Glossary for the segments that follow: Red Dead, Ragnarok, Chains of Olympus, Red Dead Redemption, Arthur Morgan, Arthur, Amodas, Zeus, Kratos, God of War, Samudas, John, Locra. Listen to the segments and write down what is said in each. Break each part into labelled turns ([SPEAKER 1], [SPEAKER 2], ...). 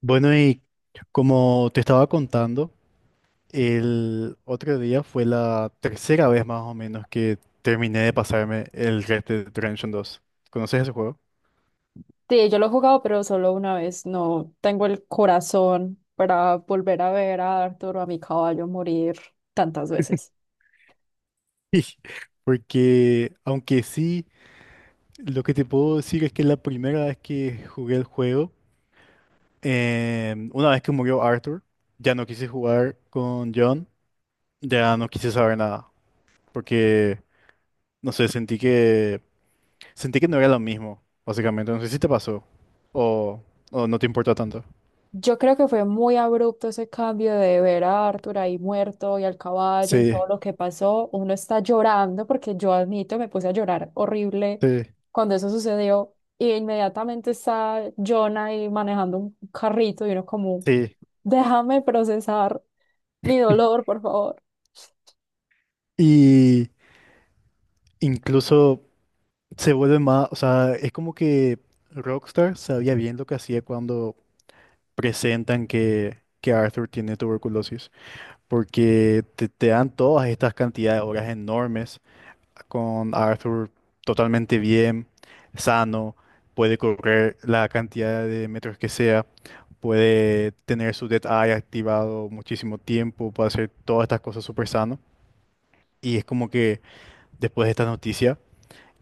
[SPEAKER 1] Bueno, y como te estaba contando, el otro día fue la tercera vez más o menos que terminé de pasarme el Red Dead Redemption 2. ¿Conoces ese juego?
[SPEAKER 2] Sí, yo lo he jugado, pero solo una vez. No tengo el corazón para volver a ver a Arthur o a mi caballo morir tantas veces.
[SPEAKER 1] Porque aunque sí, lo que te puedo decir es que la primera vez que jugué el juego, una vez que murió Arthur, ya no quise jugar con John, ya no quise saber nada, porque, no sé, sentí que no era lo mismo, básicamente. No sé si te pasó o, o no te importa tanto.
[SPEAKER 2] Yo creo que fue muy abrupto ese cambio de ver a Arthur ahí muerto y al caballo y todo
[SPEAKER 1] Sí,
[SPEAKER 2] lo que pasó. Uno está llorando porque yo admito, me puse a llorar horrible
[SPEAKER 1] sí,
[SPEAKER 2] cuando eso sucedió. Y inmediatamente está John ahí manejando un carrito y uno como,
[SPEAKER 1] sí.
[SPEAKER 2] déjame procesar mi dolor, por favor.
[SPEAKER 1] Y incluso se vuelve más, o sea, es como que Rockstar sabía bien lo que hacía cuando presentan que Arthur tiene tuberculosis, porque te dan todas estas cantidades de horas enormes con Arthur totalmente bien, sano, puede correr la cantidad de metros que sea, puede tener su Dead Eye activado muchísimo tiempo, puede hacer todas estas cosas súper sano. Y es como que después de esta noticia,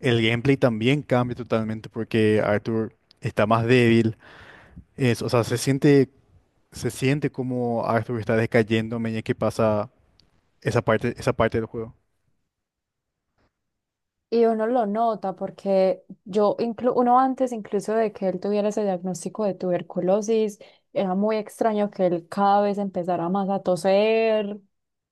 [SPEAKER 1] el gameplay también cambia totalmente porque Arthur está más débil, es, o sea, se siente como Arthur está decayendo a medida que pasa esa parte del juego.
[SPEAKER 2] Y uno lo nota porque yo, inclu uno antes incluso de que él tuviera ese diagnóstico de tuberculosis, era muy extraño que él cada vez empezara más a toser,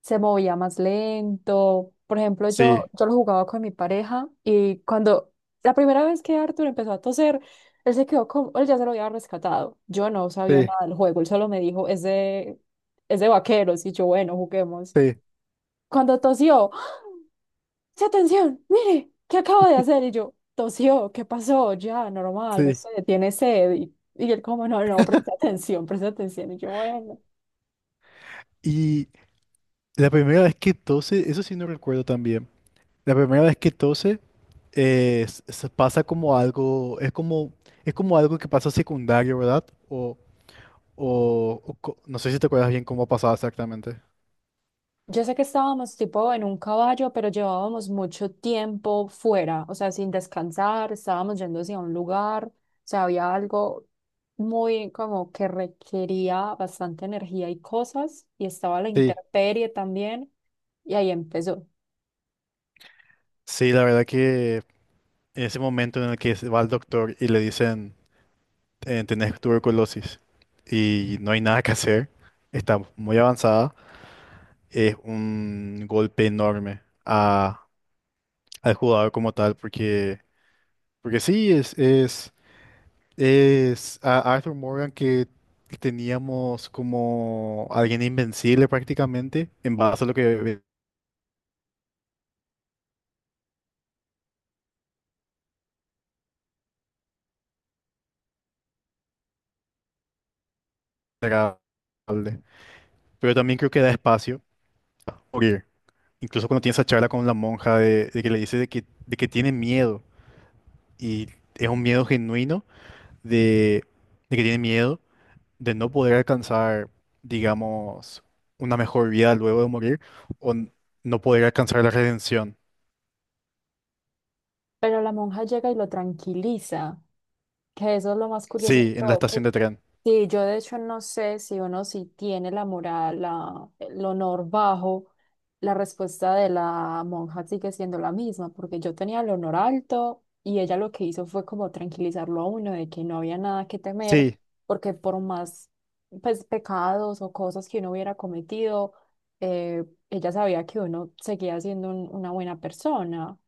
[SPEAKER 2] se movía más lento. Por ejemplo, yo,
[SPEAKER 1] Sí,
[SPEAKER 2] yo lo jugaba con mi pareja y cuando la primera vez que Arthur empezó a toser, él se quedó como, él ya se lo había rescatado. Yo no sabía
[SPEAKER 1] sí,
[SPEAKER 2] nada del juego, él solo me dijo, es de vaqueros y yo, bueno, juguemos.
[SPEAKER 1] sí,
[SPEAKER 2] Cuando tosió, ¡se atención! ¡Mire! ¿Qué acabo de hacer? Y yo, tosió, ¿qué pasó? Ya, normal, no
[SPEAKER 1] sí.
[SPEAKER 2] sé, tiene sed. Y él como, no, no, presta atención, presta atención. Y yo, bueno.
[SPEAKER 1] Y la primera vez que tose, eso sí no recuerdo también. La primera vez que tose se pasa como algo, es como algo que pasa secundario, ¿verdad? No sé si te acuerdas bien cómo pasaba exactamente.
[SPEAKER 2] Yo sé que estábamos tipo en un caballo, pero llevábamos mucho tiempo fuera, o sea, sin descansar, estábamos yendo hacia un lugar, o sea, había algo muy como que requería bastante energía y cosas, y estaba la
[SPEAKER 1] Sí.
[SPEAKER 2] intemperie también, y ahí empezó.
[SPEAKER 1] Sí, la verdad que en ese momento en el que se va al doctor y le dicen, tenés tuberculosis y no hay nada que hacer, está muy avanzada, es un golpe enorme al jugador como tal, porque, porque sí, es a Arthur Morgan, que teníamos como alguien invencible prácticamente, en base a lo que era hable. Pero también creo que da espacio a morir. Incluso cuando tiene esa charla con la monja de que le dice de que tiene miedo. Y es un miedo genuino de, de que tiene miedo de no poder alcanzar, digamos, una mejor vida luego de morir o n- no poder alcanzar la redención.
[SPEAKER 2] Pero la monja llega y lo tranquiliza, que eso es lo más curioso de
[SPEAKER 1] Sí, en la
[SPEAKER 2] todo, que
[SPEAKER 1] estación de tren.
[SPEAKER 2] sí, yo de hecho no sé si uno si tiene la moral, la, el honor bajo, la respuesta de la monja sigue siendo la misma, porque yo tenía el honor alto y ella lo que hizo fue como tranquilizarlo a uno de que no había nada que temer,
[SPEAKER 1] Sí,
[SPEAKER 2] porque por más pues, pecados o cosas que uno hubiera cometido, eh, ella sabía que uno seguía siendo una buena persona,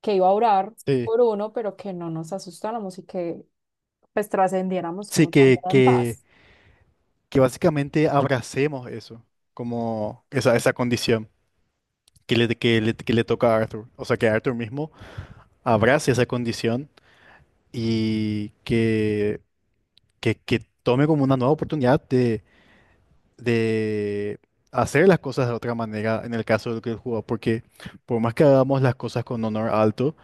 [SPEAKER 2] que iba a orar
[SPEAKER 1] sí.
[SPEAKER 2] por uno, pero que no nos asustáramos y que pues trascendiéramos
[SPEAKER 1] Sí,
[SPEAKER 2] como también
[SPEAKER 1] que,
[SPEAKER 2] en
[SPEAKER 1] que,
[SPEAKER 2] paz.
[SPEAKER 1] que básicamente abracemos eso, como esa condición que le toca a Arthur. O sea, que Arthur mismo abrace esa condición y que tome como una nueva oportunidad de hacer las cosas de otra manera en el caso del que él jugó. Porque por más que hagamos las cosas con honor alto,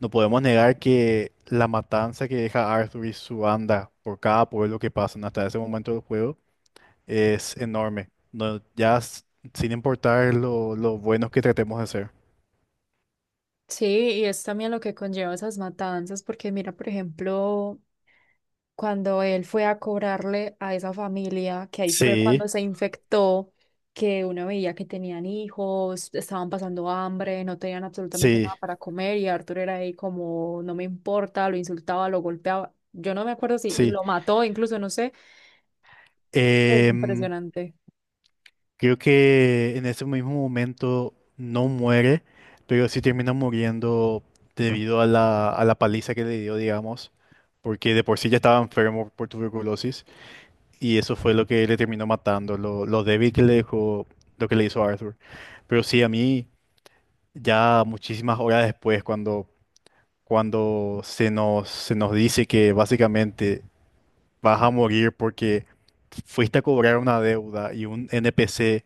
[SPEAKER 1] no podemos negar que la matanza que deja Arthur y su banda por cada pueblo que pasan hasta ese momento del juego es enorme. No, ya sin importar lo buenos que tratemos de ser.
[SPEAKER 2] Sí, y es también lo que conlleva esas matanzas, porque mira, por ejemplo, cuando él fue a cobrarle a esa familia, que ahí fue
[SPEAKER 1] Sí,
[SPEAKER 2] cuando se infectó, que uno veía que tenían hijos, estaban pasando hambre, no tenían absolutamente
[SPEAKER 1] sí,
[SPEAKER 2] nada para comer, y Arthur era ahí como, no me importa, lo insultaba, lo golpeaba. Yo no me acuerdo si
[SPEAKER 1] sí.
[SPEAKER 2] lo mató, incluso no sé. Fue
[SPEAKER 1] Em,
[SPEAKER 2] impresionante.
[SPEAKER 1] Creo que en ese mismo momento no muere, pero sí termina muriendo debido a la paliza que le dio, digamos, porque de por sí ya estaba enfermo por tuberculosis y eso fue lo que le terminó matando, lo débil que le dejó, lo que le hizo Arthur. Pero sí, a mí ya muchísimas horas después, cuando cuando se nos dice que básicamente vas a morir porque fuiste a cobrar una deuda y un NPC,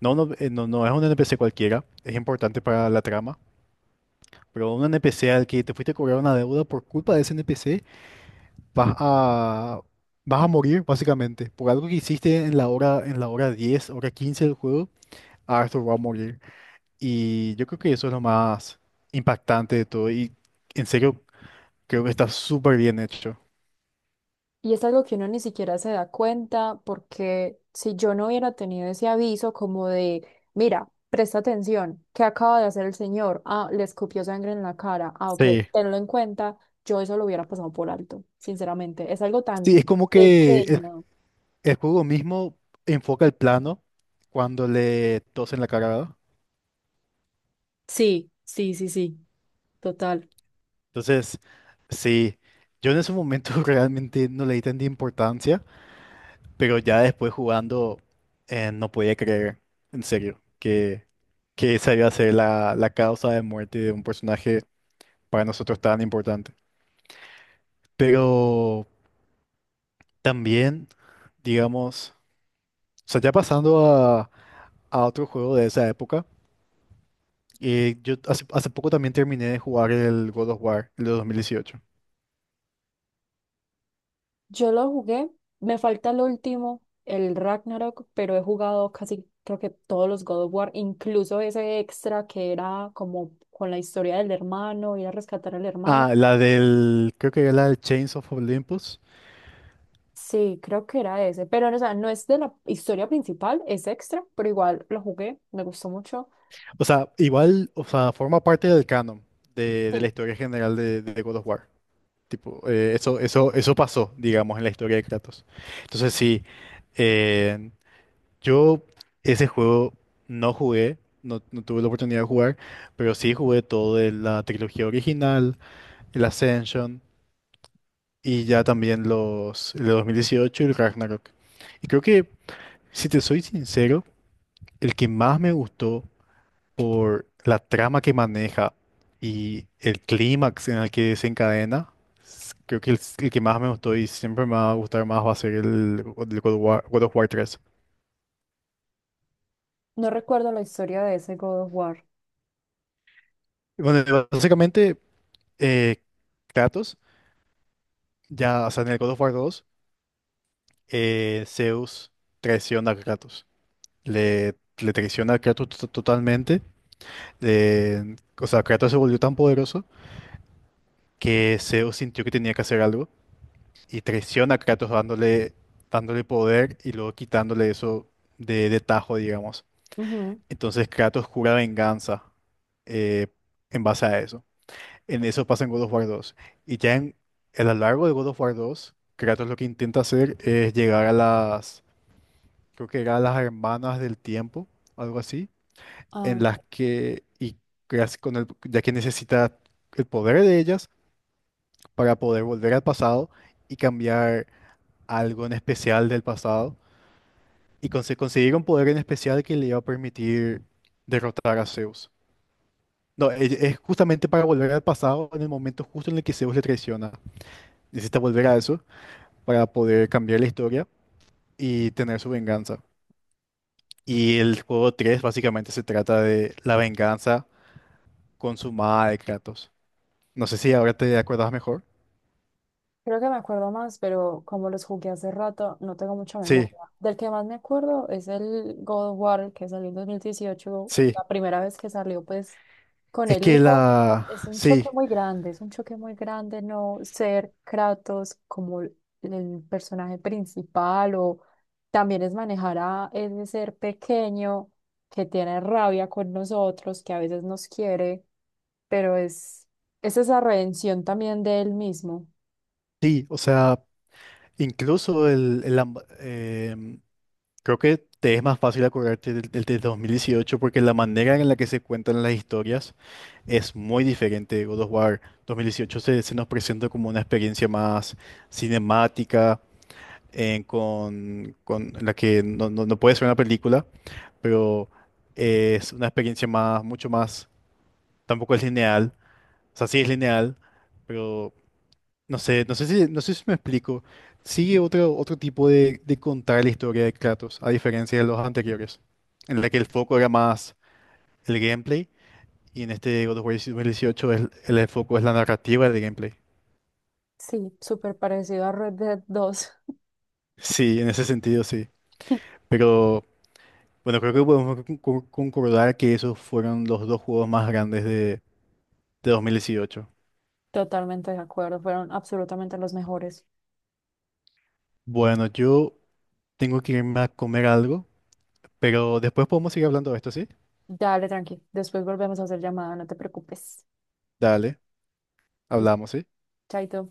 [SPEAKER 1] no, es un NPC cualquiera, es importante para la trama, pero un NPC al que te fuiste a cobrar una deuda por culpa de ese NPC, vas a, vas a morir básicamente por algo que hiciste en la hora 10, hora 15 del juego, Arthur va a morir. Y yo creo que eso es lo más impactante de todo y, en serio, creo que está súper bien hecho.
[SPEAKER 2] Y es algo que uno ni siquiera se da cuenta porque si yo no hubiera tenido ese aviso como de, mira, presta atención, ¿qué acaba de hacer el señor? Ah, le escupió sangre en la cara. Ah, ok,
[SPEAKER 1] Sí,
[SPEAKER 2] tenlo en cuenta, yo eso lo hubiera pasado por alto, sinceramente. Es algo
[SPEAKER 1] sí,
[SPEAKER 2] tan
[SPEAKER 1] es como que
[SPEAKER 2] pequeño.
[SPEAKER 1] el juego mismo enfoca el plano cuando le tosen la cara, ¿verdad?
[SPEAKER 2] Sí, sí, sí, sí, total.
[SPEAKER 1] Entonces, sí, yo en ese momento realmente no le di tanta importancia, pero ya después jugando no podía creer, en serio, que esa iba a ser la, la causa de muerte de un personaje para nosotros tan importante. Pero también, digamos, o sea, ya pasando a otro juego de esa época. Yo hace, hace poco también terminé de jugar el God of War, el de 2018.
[SPEAKER 2] Yo lo jugué, me falta el último, el Ragnarok, pero he jugado casi, creo que todos los God of War, incluso ese extra que era como con la historia del hermano, ir a rescatar al hermano.
[SPEAKER 1] Ah, la del, creo que era la del Chains of Olympus.
[SPEAKER 2] Sí, creo que era ese, pero o sea, no es de la historia principal, es extra, pero igual lo jugué, me gustó mucho.
[SPEAKER 1] O sea, igual, o sea, forma parte del canon de la
[SPEAKER 2] Sí,
[SPEAKER 1] historia general de God of War. Tipo, eso, eso pasó, digamos, en la historia de Kratos. Entonces sí, eh, yo ese juego no jugué, no, no tuve la oportunidad de jugar, pero sí jugué todo de la trilogía original, el Ascension. Y ya también los el de 2018 y el Ragnarok. Y creo que, si te soy sincero, el que más me gustó por la trama que maneja y el clímax en el que se encadena, creo que el que más me gustó y siempre me va a gustar más va a ser el, el God of War 3.
[SPEAKER 2] no recuerdo la historia de ese God of War.
[SPEAKER 1] Bueno, básicamente, eh, Kratos, ya, o sea, en el God of War 2, Zeus traiciona a Kratos. Le traiciona a Kratos totalmente, o sea, Kratos se volvió tan poderoso que Zeus sintió que tenía que hacer algo y traiciona a Kratos dándole, dándole poder y luego quitándole eso de tajo, digamos.
[SPEAKER 2] Ujú.
[SPEAKER 1] Entonces Kratos jura venganza, eh, en base a eso. En eso pasa en God of War 2. Y ya en, a lo largo de God of War 2, Kratos lo que intenta hacer es llegar a las, creo que era, a las hermanas del tiempo, algo así,
[SPEAKER 2] Ah,
[SPEAKER 1] en las que, y casi con el, ya que necesita el poder de ellas para poder volver al pasado y cambiar algo en especial del pasado y conseguir un poder en especial que le iba a permitir derrotar a Zeus. No, es justamente para volver al pasado en el momento justo en el que Zeus le traiciona. Necesita volver a eso para poder cambiar la historia y tener su venganza. Y el juego 3 básicamente se trata de la venganza consumada de Kratos. No sé si ahora te acordás mejor.
[SPEAKER 2] creo que me acuerdo más, pero como los jugué hace rato, no tengo mucha memoria.
[SPEAKER 1] Sí,
[SPEAKER 2] Del que más me acuerdo es el God of War, que salió en 2018,
[SPEAKER 1] sí.
[SPEAKER 2] la primera vez que salió, pues, con el hijo. Es un choque
[SPEAKER 1] Sí,
[SPEAKER 2] muy grande, es un choque muy grande no ser Kratos como el personaje principal o también es manejar a ese ser pequeño que tiene rabia con nosotros, que a veces nos quiere, pero es esa redención también de él mismo.
[SPEAKER 1] sí. O sea, incluso el, creo que te es más fácil acordarte del, del de 2018 porque la manera en la que se cuentan las historias es muy diferente. God of War 2018 se, se nos presenta como una experiencia más cinemática, con la que no, no puede ser una película, pero es una experiencia más, mucho más, tampoco es lineal, o sea, sí es lineal, no sé si me explico. Sigue otro, otro tipo de contar la historia de Kratos, a diferencia de los anteriores, en la que el foco era más el gameplay, y en este God of War 2018 el, el foco es la narrativa del gameplay.
[SPEAKER 2] Sí, súper parecido a Red Dead 2.
[SPEAKER 1] Sí, en ese sentido sí. Pero bueno, creo que podemos concordar que esos fueron los dos juegos más grandes de 2018.
[SPEAKER 2] Totalmente de acuerdo, fueron absolutamente los mejores.
[SPEAKER 1] Bueno, yo tengo que irme a comer algo, pero después podemos seguir hablando de esto, ¿sí?
[SPEAKER 2] Dale, tranqui. Después volvemos a hacer llamada, no te preocupes.
[SPEAKER 1] Dale,
[SPEAKER 2] Y
[SPEAKER 1] hablamos, ¿sí?
[SPEAKER 2] chaito.